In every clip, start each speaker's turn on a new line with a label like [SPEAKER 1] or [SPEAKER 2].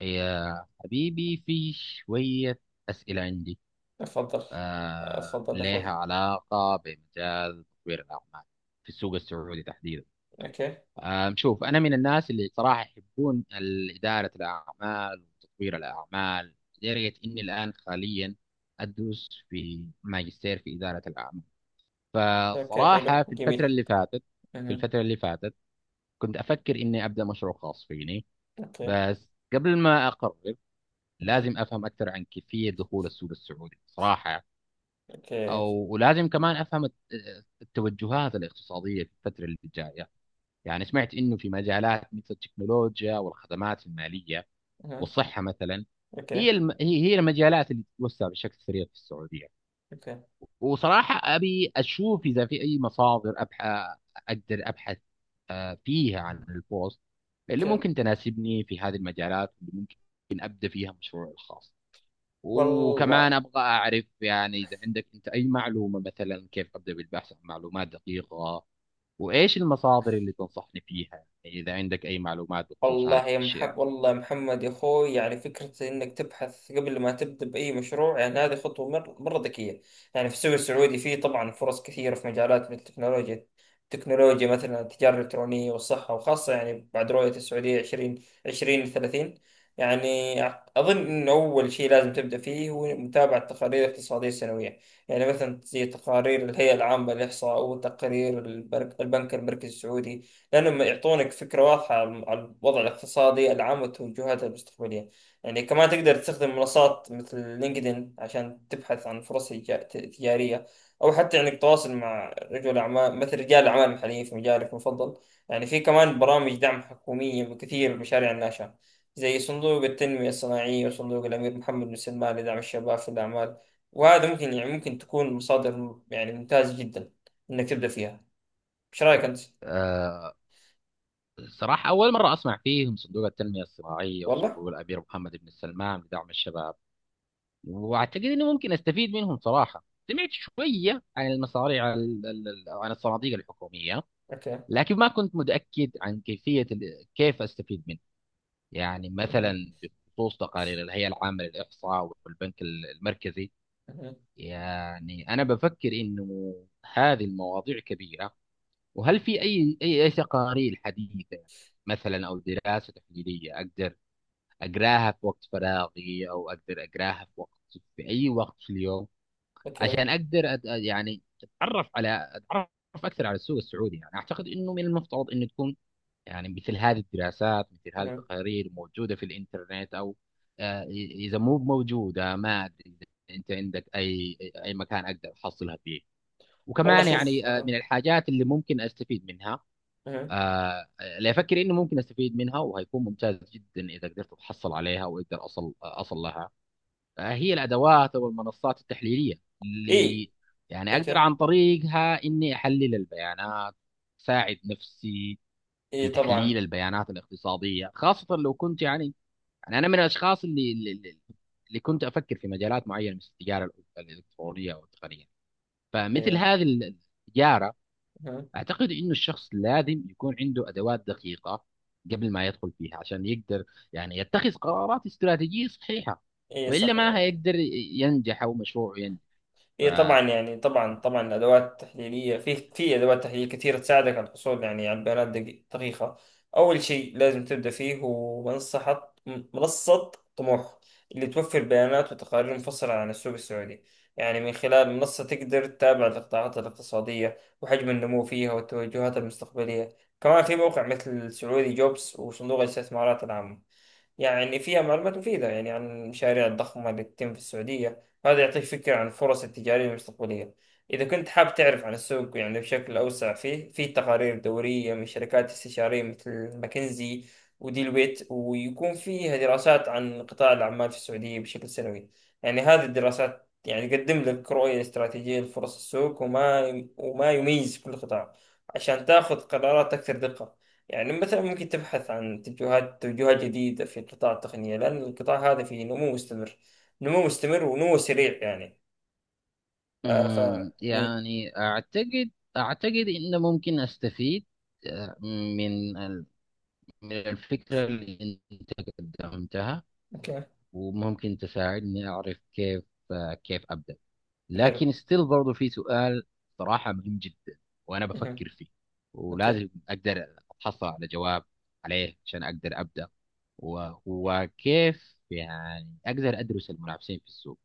[SPEAKER 1] يا حبيبي، في شوية أسئلة عندي،
[SPEAKER 2] اتفضل. اتفضل يا اخوي.
[SPEAKER 1] لها علاقة بمجال تطوير الأعمال في السوق السعودي تحديدا.
[SPEAKER 2] اوكي.
[SPEAKER 1] شوف، أنا من الناس اللي صراحة يحبون إدارة الأعمال وتطوير الأعمال، لدرجة إني الآن حاليا أدرس في ماجستير في إدارة الأعمال.
[SPEAKER 2] اوكي، حلو،
[SPEAKER 1] فصراحة في الفترة
[SPEAKER 2] جميل.
[SPEAKER 1] اللي فاتت في
[SPEAKER 2] اها.
[SPEAKER 1] الفترة اللي فاتت كنت أفكر إني أبدأ مشروع خاص فيني.
[SPEAKER 2] اوكي.
[SPEAKER 1] بس قبل ما أقرر لازم
[SPEAKER 2] اها.
[SPEAKER 1] افهم اكثر عن كيفيه دخول السوق السعودي صراحه يعني.
[SPEAKER 2] اوكي.
[SPEAKER 1] او ولازم كمان افهم التوجهات الاقتصاديه في الفتره اللي جايه. يعني سمعت انه في مجالات مثل التكنولوجيا والخدمات الماليه
[SPEAKER 2] اها.
[SPEAKER 1] والصحه مثلا.
[SPEAKER 2] اوكي.
[SPEAKER 1] هي المجالات اللي تتوسع بشكل سريع في السعوديه.
[SPEAKER 2] اوكي.
[SPEAKER 1] وصراحه ابي اشوف اذا في اي مصادر اقدر ابحث فيها عن البوست اللي
[SPEAKER 2] اوكي.
[SPEAKER 1] ممكن تناسبني في هذه المجالات، واللي ممكن ابدا فيها مشروعي الخاص. وكمان
[SPEAKER 2] والله.
[SPEAKER 1] ابغى اعرف يعني اذا عندك انت اي معلومه، مثلا كيف ابدا بالبحث عن معلومات دقيقه، وايش المصادر اللي تنصحني فيها اذا عندك اي معلومات بخصوص هذه
[SPEAKER 2] والله يا
[SPEAKER 1] الاشياء.
[SPEAKER 2] محمد، والله محمد يا اخوي، يعني فكرة انك تبحث قبل ما تبدأ بأي مشروع، يعني هذه خطوة مرة ذكية. يعني في السوق السعودي فيه طبعا فرص كثيرة في مجالات مثل التكنولوجيا، مثلا التجارة الإلكترونية والصحة، وخاصة يعني بعد رؤية السعودية 2030. يعني أظن أن أول شيء لازم تبدأ فيه هو متابعة تقارير اقتصادية سنوية، يعني مثلا زي تقارير الهيئة العامة للإحصاء وتقارير البنك المركزي السعودي، لأنهم يعطونك فكرة واضحة عن الوضع الاقتصادي العام والتوجهات المستقبلية. يعني كمان تقدر تستخدم منصات مثل لينكدين عشان تبحث عن فرص تجارية، أو حتى إنك تتواصل مع رجل أعمال، مثل رجال أعمال محليين في مجالك المفضل. يعني في كمان برامج دعم حكومية بكثير مشاريع الناشئة، زي صندوق التنمية الصناعية وصندوق الأمير محمد بن سلمان لدعم الشباب في الأعمال. وهذا ممكن، يعني ممكن تكون مصادر يعني ممتازة جدا إنك تبدأ فيها. إيش رأيك أنت؟
[SPEAKER 1] أه صراحه اول مره اسمع فيهم صندوق التنميه الصناعيه
[SPEAKER 2] والله؟
[SPEAKER 1] وصندوق الامير محمد بن سلمان لدعم الشباب، واعتقد اني ممكن استفيد منهم صراحه. سمعت شويه عن المصاريع عن الصناديق الحكوميه،
[SPEAKER 2] أوكي.
[SPEAKER 1] لكن ما كنت متاكد عن كيفيه كيف استفيد منها. يعني
[SPEAKER 2] مهم.
[SPEAKER 1] مثلا بخصوص تقارير الهيئة العامة للإحصاء والبنك المركزي،
[SPEAKER 2] مهم.
[SPEAKER 1] يعني أنا بفكر إنه هذه المواضيع كبيرة، وهل في أي تقارير حديثة مثلا أو دراسة تحليلية أقدر أقراها في وقت فراغي، أو أقدر أقراها في وقت، في أي وقت في اليوم،
[SPEAKER 2] اوكي.
[SPEAKER 1] عشان أقدر يعني أتعرف أكثر على السوق السعودي. يعني أعتقد إنه من المفترض إنه تكون، يعني مثل هذه الدراسات مثل هذه
[SPEAKER 2] مهم.
[SPEAKER 1] التقارير موجودة في الإنترنت أو آه، إذا مو موجودة ما أدري إذا أنت عندك أي أي مكان أقدر أحصلها فيه.
[SPEAKER 2] والله
[SPEAKER 1] وكمان
[SPEAKER 2] شوف.
[SPEAKER 1] يعني،
[SPEAKER 2] اها.
[SPEAKER 1] من الحاجات اللي ممكن أستفيد منها،
[SPEAKER 2] اها.
[SPEAKER 1] آه، اللي أفكر إنه ممكن أستفيد منها وهيكون ممتاز جدا إذا قدرت أتحصل عليها وأقدر أصل لها، هي الأدوات أو المنصات التحليلية
[SPEAKER 2] اي.
[SPEAKER 1] اللي يعني أقدر
[SPEAKER 2] اوكي.
[SPEAKER 1] عن طريقها إني أحلل البيانات، ساعد نفسي
[SPEAKER 2] اي
[SPEAKER 1] في
[SPEAKER 2] طبعا.
[SPEAKER 1] تحليل البيانات الاقتصادية، خاصة لو كنت يعني، يعني أنا من الأشخاص اللي اللي كنت أفكر في مجالات معينة مثل التجارة الإلكترونية أو التقنية، فمثل
[SPEAKER 2] اوكي.
[SPEAKER 1] التجارة
[SPEAKER 2] مهم.
[SPEAKER 1] أعتقد إنه الشخص لازم يكون عنده أدوات دقيقة قبل ما يدخل فيها عشان يقدر يعني يتخذ قرارات استراتيجية صحيحة،
[SPEAKER 2] اي
[SPEAKER 1] وإلا
[SPEAKER 2] صح
[SPEAKER 1] ما
[SPEAKER 2] يعني.
[SPEAKER 1] هيقدر ينجح أو مشروعه ينجح. ف
[SPEAKER 2] هي طبعا يعني طبعا طبعا الادوات التحليليه في ادوات تحليل كثير تساعدك على الحصول يعني على البيانات دقيقه. اول شيء لازم تبدا فيه هو منصه طموح، اللي توفر بيانات وتقارير مفصله عن السوق السعودي. يعني من خلال منصه تقدر تتابع القطاعات الاقتصاديه وحجم النمو فيها والتوجهات المستقبليه. كمان في موقع مثل سعودي جوبس وصندوق الاستثمارات العامه، يعني فيها معلومات مفيدة يعني عن المشاريع الضخمة اللي تتم في السعودية، وهذا يعطيك فكرة عن الفرص التجارية المستقبلية. إذا كنت حاب تعرف عن السوق يعني بشكل أوسع، فيه في تقارير دورية من شركات استشارية مثل ماكنزي وديل ويت، ويكون فيها دراسات عن قطاع الأعمال في السعودية بشكل سنوي. يعني هذه الدراسات يعني تقدم لك رؤية استراتيجية لفرص السوق، وما يميز كل قطاع، عشان تاخذ قرارات أكثر دقة. يعني مثلا ممكن تبحث عن توجهات جديدة في قطاع التقنية، لأن القطاع هذا فيه نمو مستمر، ونمو سريع يعني. آه ف إيه.
[SPEAKER 1] يعني أعتقد إنه ممكن أستفيد من من الفكرة اللي أنت قدمتها،
[SPEAKER 2] أوكي.
[SPEAKER 1] وممكن تساعدني أعرف كيف كيف أبدأ.
[SPEAKER 2] حلو.
[SPEAKER 1] لكن ستيل برضو في سؤال صراحة مهم جدا وأنا
[SPEAKER 2] مهم.
[SPEAKER 1] بفكر فيه،
[SPEAKER 2] أوكي.
[SPEAKER 1] ولازم أقدر أتحصل على جواب عليه عشان أقدر أبدأ، وهو كيف يعني أقدر أدرس المنافسين في السوق.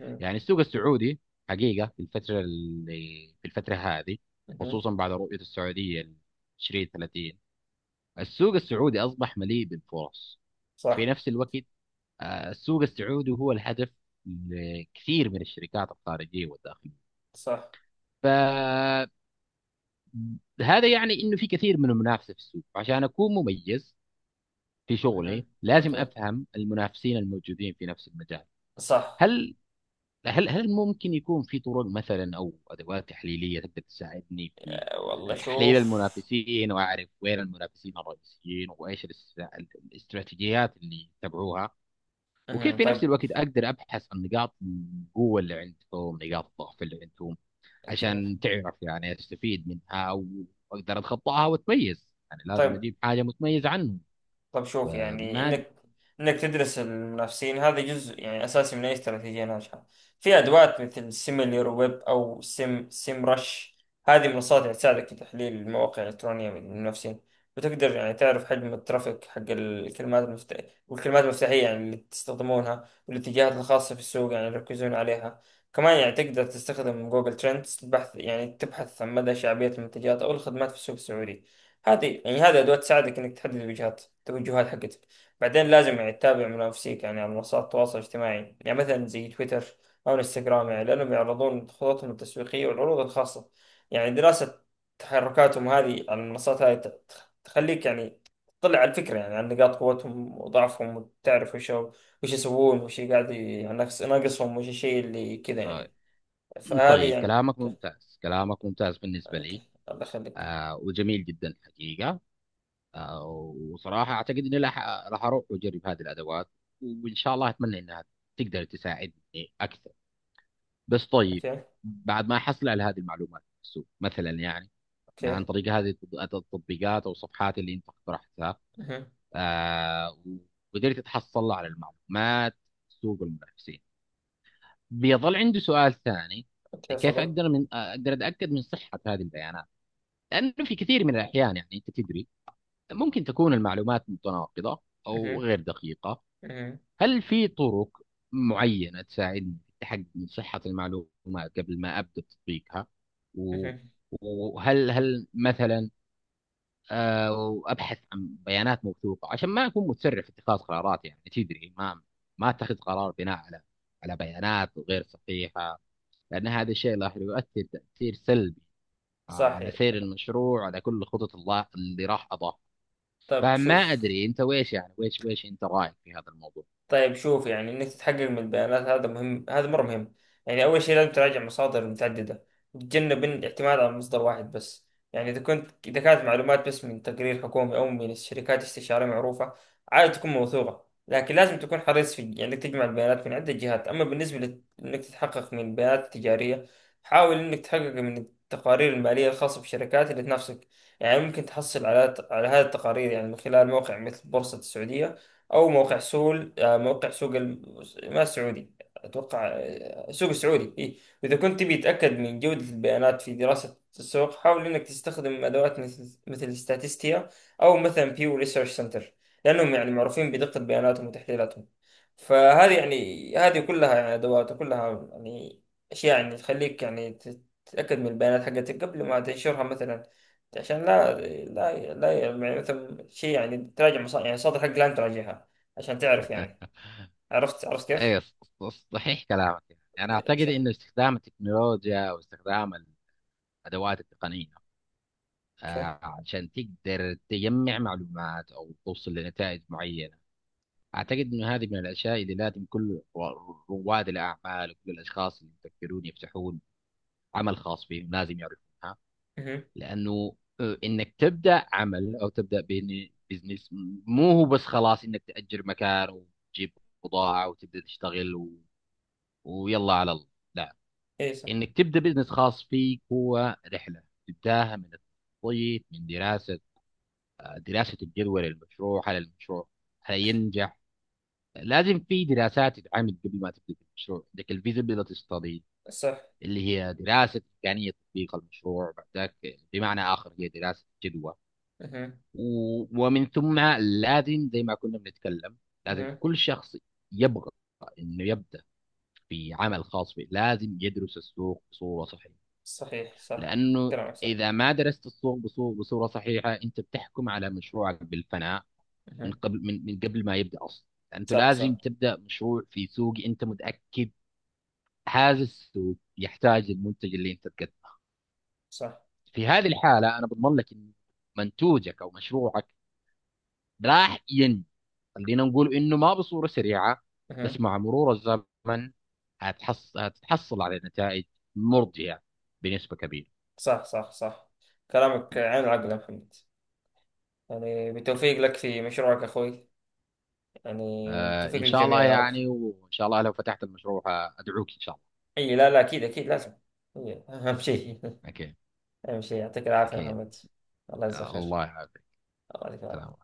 [SPEAKER 2] مهم.
[SPEAKER 1] يعني السوق السعودي حقيقة في الفترة هذه،
[SPEAKER 2] مهم.
[SPEAKER 1] خصوصا بعد رؤية السعودية 2030، السوق السعودي أصبح مليء بالفرص. في
[SPEAKER 2] صح.
[SPEAKER 1] نفس الوقت السوق السعودي هو الهدف لكثير من الشركات الخارجية والداخلية،
[SPEAKER 2] صح.
[SPEAKER 1] فهذا يعني أنه في كثير من المنافسة في السوق. عشان أكون مميز في شغلي
[SPEAKER 2] مهم.
[SPEAKER 1] لازم
[SPEAKER 2] أوكي.
[SPEAKER 1] أفهم المنافسين الموجودين في نفس المجال.
[SPEAKER 2] صح.
[SPEAKER 1] هل هل ممكن يكون في طرق مثلا أو أدوات تحليلية تقدر تساعدني في
[SPEAKER 2] والله
[SPEAKER 1] تحليل
[SPEAKER 2] شوف.
[SPEAKER 1] المنافسين، وأعرف وين المنافسين الرئيسيين وإيش الاستراتيجيات اللي يتبعوها، وكيف
[SPEAKER 2] مهم.
[SPEAKER 1] في
[SPEAKER 2] طيب.
[SPEAKER 1] نفس الوقت اقدر ابحث عن نقاط القوه اللي عندهم، نقاط الضعف اللي عندهم،
[SPEAKER 2] أوكي.
[SPEAKER 1] عشان تعرف يعني استفيد منها واقدر اتخطاها واتميز. يعني لازم
[SPEAKER 2] طيب.
[SPEAKER 1] اجيب حاجه متميز عنهم.
[SPEAKER 2] طب شوف، يعني
[SPEAKER 1] فما
[SPEAKER 2] انك تدرس المنافسين، هذا جزء يعني اساسي من اي استراتيجيه ناجحه. في ادوات مثل سيميلير ويب او سيم رش، هذه منصات يعني تساعدك في تحليل المواقع الالكترونيه من المنافسين. وتقدر يعني تعرف حجم الترافيك حق الكلمات المفتاحية، والكلمات المفتاحيه يعني اللي تستخدمونها، والاتجاهات الخاصه في السوق يعني يركزون عليها. كمان يعني تقدر تستخدم جوجل ترندز بحث، يعني تبحث عن مدى شعبيه المنتجات او الخدمات في السوق السعودي. هذه يعني هذه ادوات تساعدك انك تحدد التوجهات حقتك. بعدين لازم يعني تتابع منافسيك يعني على منصات التواصل الاجتماعي، يعني مثلا زي تويتر او انستغرام، يعني لانهم يعرضون خططهم التسويقيه والعروض الخاصه. يعني دراسه تحركاتهم هذه على المنصات هذه تخليك يعني تطلع على الفكره يعني عن نقاط قوتهم وضعفهم، وتعرف وش يسوون، وش قاعد يعني ناقصهم، وش الشيء اللي كذا يعني. فهذه
[SPEAKER 1] طيب،
[SPEAKER 2] يعني. اوكي.
[SPEAKER 1] كلامك ممتاز بالنسبه لي
[SPEAKER 2] اوكي الله يخليك.
[SPEAKER 1] وجميل جدا حقيقه. آه وصراحه اعتقد اني راح اروح واجرب هذه الادوات، وان شاء الله اتمنى انها تقدر تساعدني اكثر. بس طيب،
[SPEAKER 2] اوكي.
[SPEAKER 1] بعد ما احصل على هذه المعلومات في السوق مثلا، يعني يعني
[SPEAKER 2] اوكي.
[SPEAKER 1] عن طريق هذه التطبيقات او الصفحات اللي انت اقترحتها،
[SPEAKER 2] مهم.
[SPEAKER 1] آه وقدرت اتحصل على المعلومات، سوق المنافسين، بيظل عندي سؤال ثاني:
[SPEAKER 2] اوكي.
[SPEAKER 1] كيف
[SPEAKER 2] صدق.
[SPEAKER 1] اقدر اقدر اتاكد من صحه هذه البيانات؟ لانه في كثير من الاحيان يعني انت تدري ممكن تكون المعلومات متناقضه او غير دقيقه.
[SPEAKER 2] مهم.
[SPEAKER 1] هل في طرق معينه تساعدني في التحقق من صحه المعلومات قبل ما ابدا تطبيقها؟ و-
[SPEAKER 2] مهم.
[SPEAKER 1] وهل مثلا وابحث عن بيانات موثوقه عشان ما اكون مسرع في اتخاذ قرارات، يعني تدري ما ما اتخذ قرار بناء على على بيانات غير صحيحه، لان هذا الشيء راح يؤثر تاثير سلبي على
[SPEAKER 2] صحيح.
[SPEAKER 1] سير المشروع، على كل خطط الله اللي راح اضاف.
[SPEAKER 2] طب
[SPEAKER 1] فما
[SPEAKER 2] شوف.
[SPEAKER 1] ادري انت ويش يعني ويش انت رايك في هذا الموضوع.
[SPEAKER 2] طيب شوف، يعني انك تتحقق من البيانات، هذا مهم، هذا مره مهم. يعني اول شيء لازم تراجع مصادر متعدده، وتتجنب الاعتماد على مصدر واحد بس. يعني اذا كنت، اذا كانت معلومات بس من تقرير حكومي او من شركات استشاريه معروفه، عادة تكون موثوقه، لكن لازم تكون حريص في يعني انك تجمع البيانات من عده جهات. اما بالنسبه انك تتحقق من البيانات التجاريه، حاول انك تحقق من التقارير الماليه الخاصه بالشركات اللي تنافسك. يعني ممكن تحصل على هذه التقارير يعني من خلال موقع مثل بورصه السعوديه، او موقع سول، موقع سوق ما السعودي، اتوقع، سوق السعودي إيه. واذا كنت تبي تتاكد من جوده البيانات في دراسه السوق، حاول انك تستخدم ادوات مثل ستاتستيا، او مثلا بيو ريسيرش سنتر، لانهم يعني معروفين بدقه بياناتهم وتحليلاتهم. فهذه يعني هذه كلها يعني ادوات، وكلها يعني اشياء يعني تخليك يعني تتاكد من البيانات حقتك قبل ما تنشرها مثلا، عشان لا، لا لا يعني مثلا شيء يعني تراجع مصادر، يعني المصادر حق لا تراجعها، عشان تعرف يعني. عرفت كيف؟
[SPEAKER 1] اي ص- صحيح كلامك. يعني انا اعتقد
[SPEAKER 2] صح.
[SPEAKER 1] انه استخدام التكنولوجيا واستخدام الادوات التقنيه
[SPEAKER 2] اوكي.
[SPEAKER 1] عشان تقدر تجمع معلومات او توصل لنتائج معينه، أعتقد إنه هذه من الأشياء اللي لازم كل رواد الأعمال وكل الأشخاص اللي يفكرون يفتحون عمل خاص بهم لازم يعرفونها.
[SPEAKER 2] اها.
[SPEAKER 1] لأنه إنك تبدأ عمل أو تبدأ بزنس، مو هو بس خلاص إنك تأجر مكان وتجيب بضاعة وتبدأ تشتغل و... ويلا على الله، لا.
[SPEAKER 2] اي صح.
[SPEAKER 1] إنك تبدأ بزنس خاص فيك هو رحلة، تبداها من التخطيط، من دراسة دراسة الجدوى للمشروع، هل المشروع هينجح. لازم في دراسات تتعمل قبل ما تبدا المشروع، عندك الفيزابيلتي ستادي
[SPEAKER 2] صح.
[SPEAKER 1] اللي هي دراسه امكانيه تطبيق المشروع، بعدك بمعنى اخر هي دراسه جدوى.
[SPEAKER 2] اها.
[SPEAKER 1] ومن ثم لازم زي ما كنا بنتكلم لازم
[SPEAKER 2] اها.
[SPEAKER 1] كل شخص يبغى انه يبدا في عمل خاص به لازم يدرس السوق بصوره صحيحه،
[SPEAKER 2] صحيح صح.
[SPEAKER 1] لانه
[SPEAKER 2] كلامك صح.
[SPEAKER 1] اذا ما درست السوق بصوره صحيحه انت بتحكم على مشروعك بالفناء من
[SPEAKER 2] اها.
[SPEAKER 1] قبل، من قبل ما يبدا اصلا. انت
[SPEAKER 2] صح
[SPEAKER 1] لازم
[SPEAKER 2] صح
[SPEAKER 1] تبدا مشروع في سوق انت متاكد هذا السوق يحتاج المنتج اللي انت تقدمه.
[SPEAKER 2] صح.
[SPEAKER 1] في هذه الحاله انا بضمن لك ان منتوجك او مشروعك راح ينمو، خلينا نقول انه ما بصوره سريعه
[SPEAKER 2] اها.
[SPEAKER 1] بس مع مرور الزمن هتتحصل على نتائج مرضيه بنسبه كبيره.
[SPEAKER 2] صح صح صح. كلامك عين العقل يا محمد. يعني بالتوفيق لك في مشروعك اخوي. يعني
[SPEAKER 1] آه،
[SPEAKER 2] بالتوفيق
[SPEAKER 1] ان شاء
[SPEAKER 2] للجميع
[SPEAKER 1] الله
[SPEAKER 2] يا رب.
[SPEAKER 1] يعني، وان شاء الله لو فتحت المشروع ادعوك ان شاء الله.
[SPEAKER 2] اي لا لا، اكيد اكيد لازم. إي، اهم شيء
[SPEAKER 1] اكيد،
[SPEAKER 2] اهم شيء. يعطيك العافيه يا
[SPEAKER 1] اكيد.
[SPEAKER 2] محمد. الله يجزاك خير.
[SPEAKER 1] الله يعافيك.
[SPEAKER 2] الله
[SPEAKER 1] سلام.
[SPEAKER 2] يجزاك.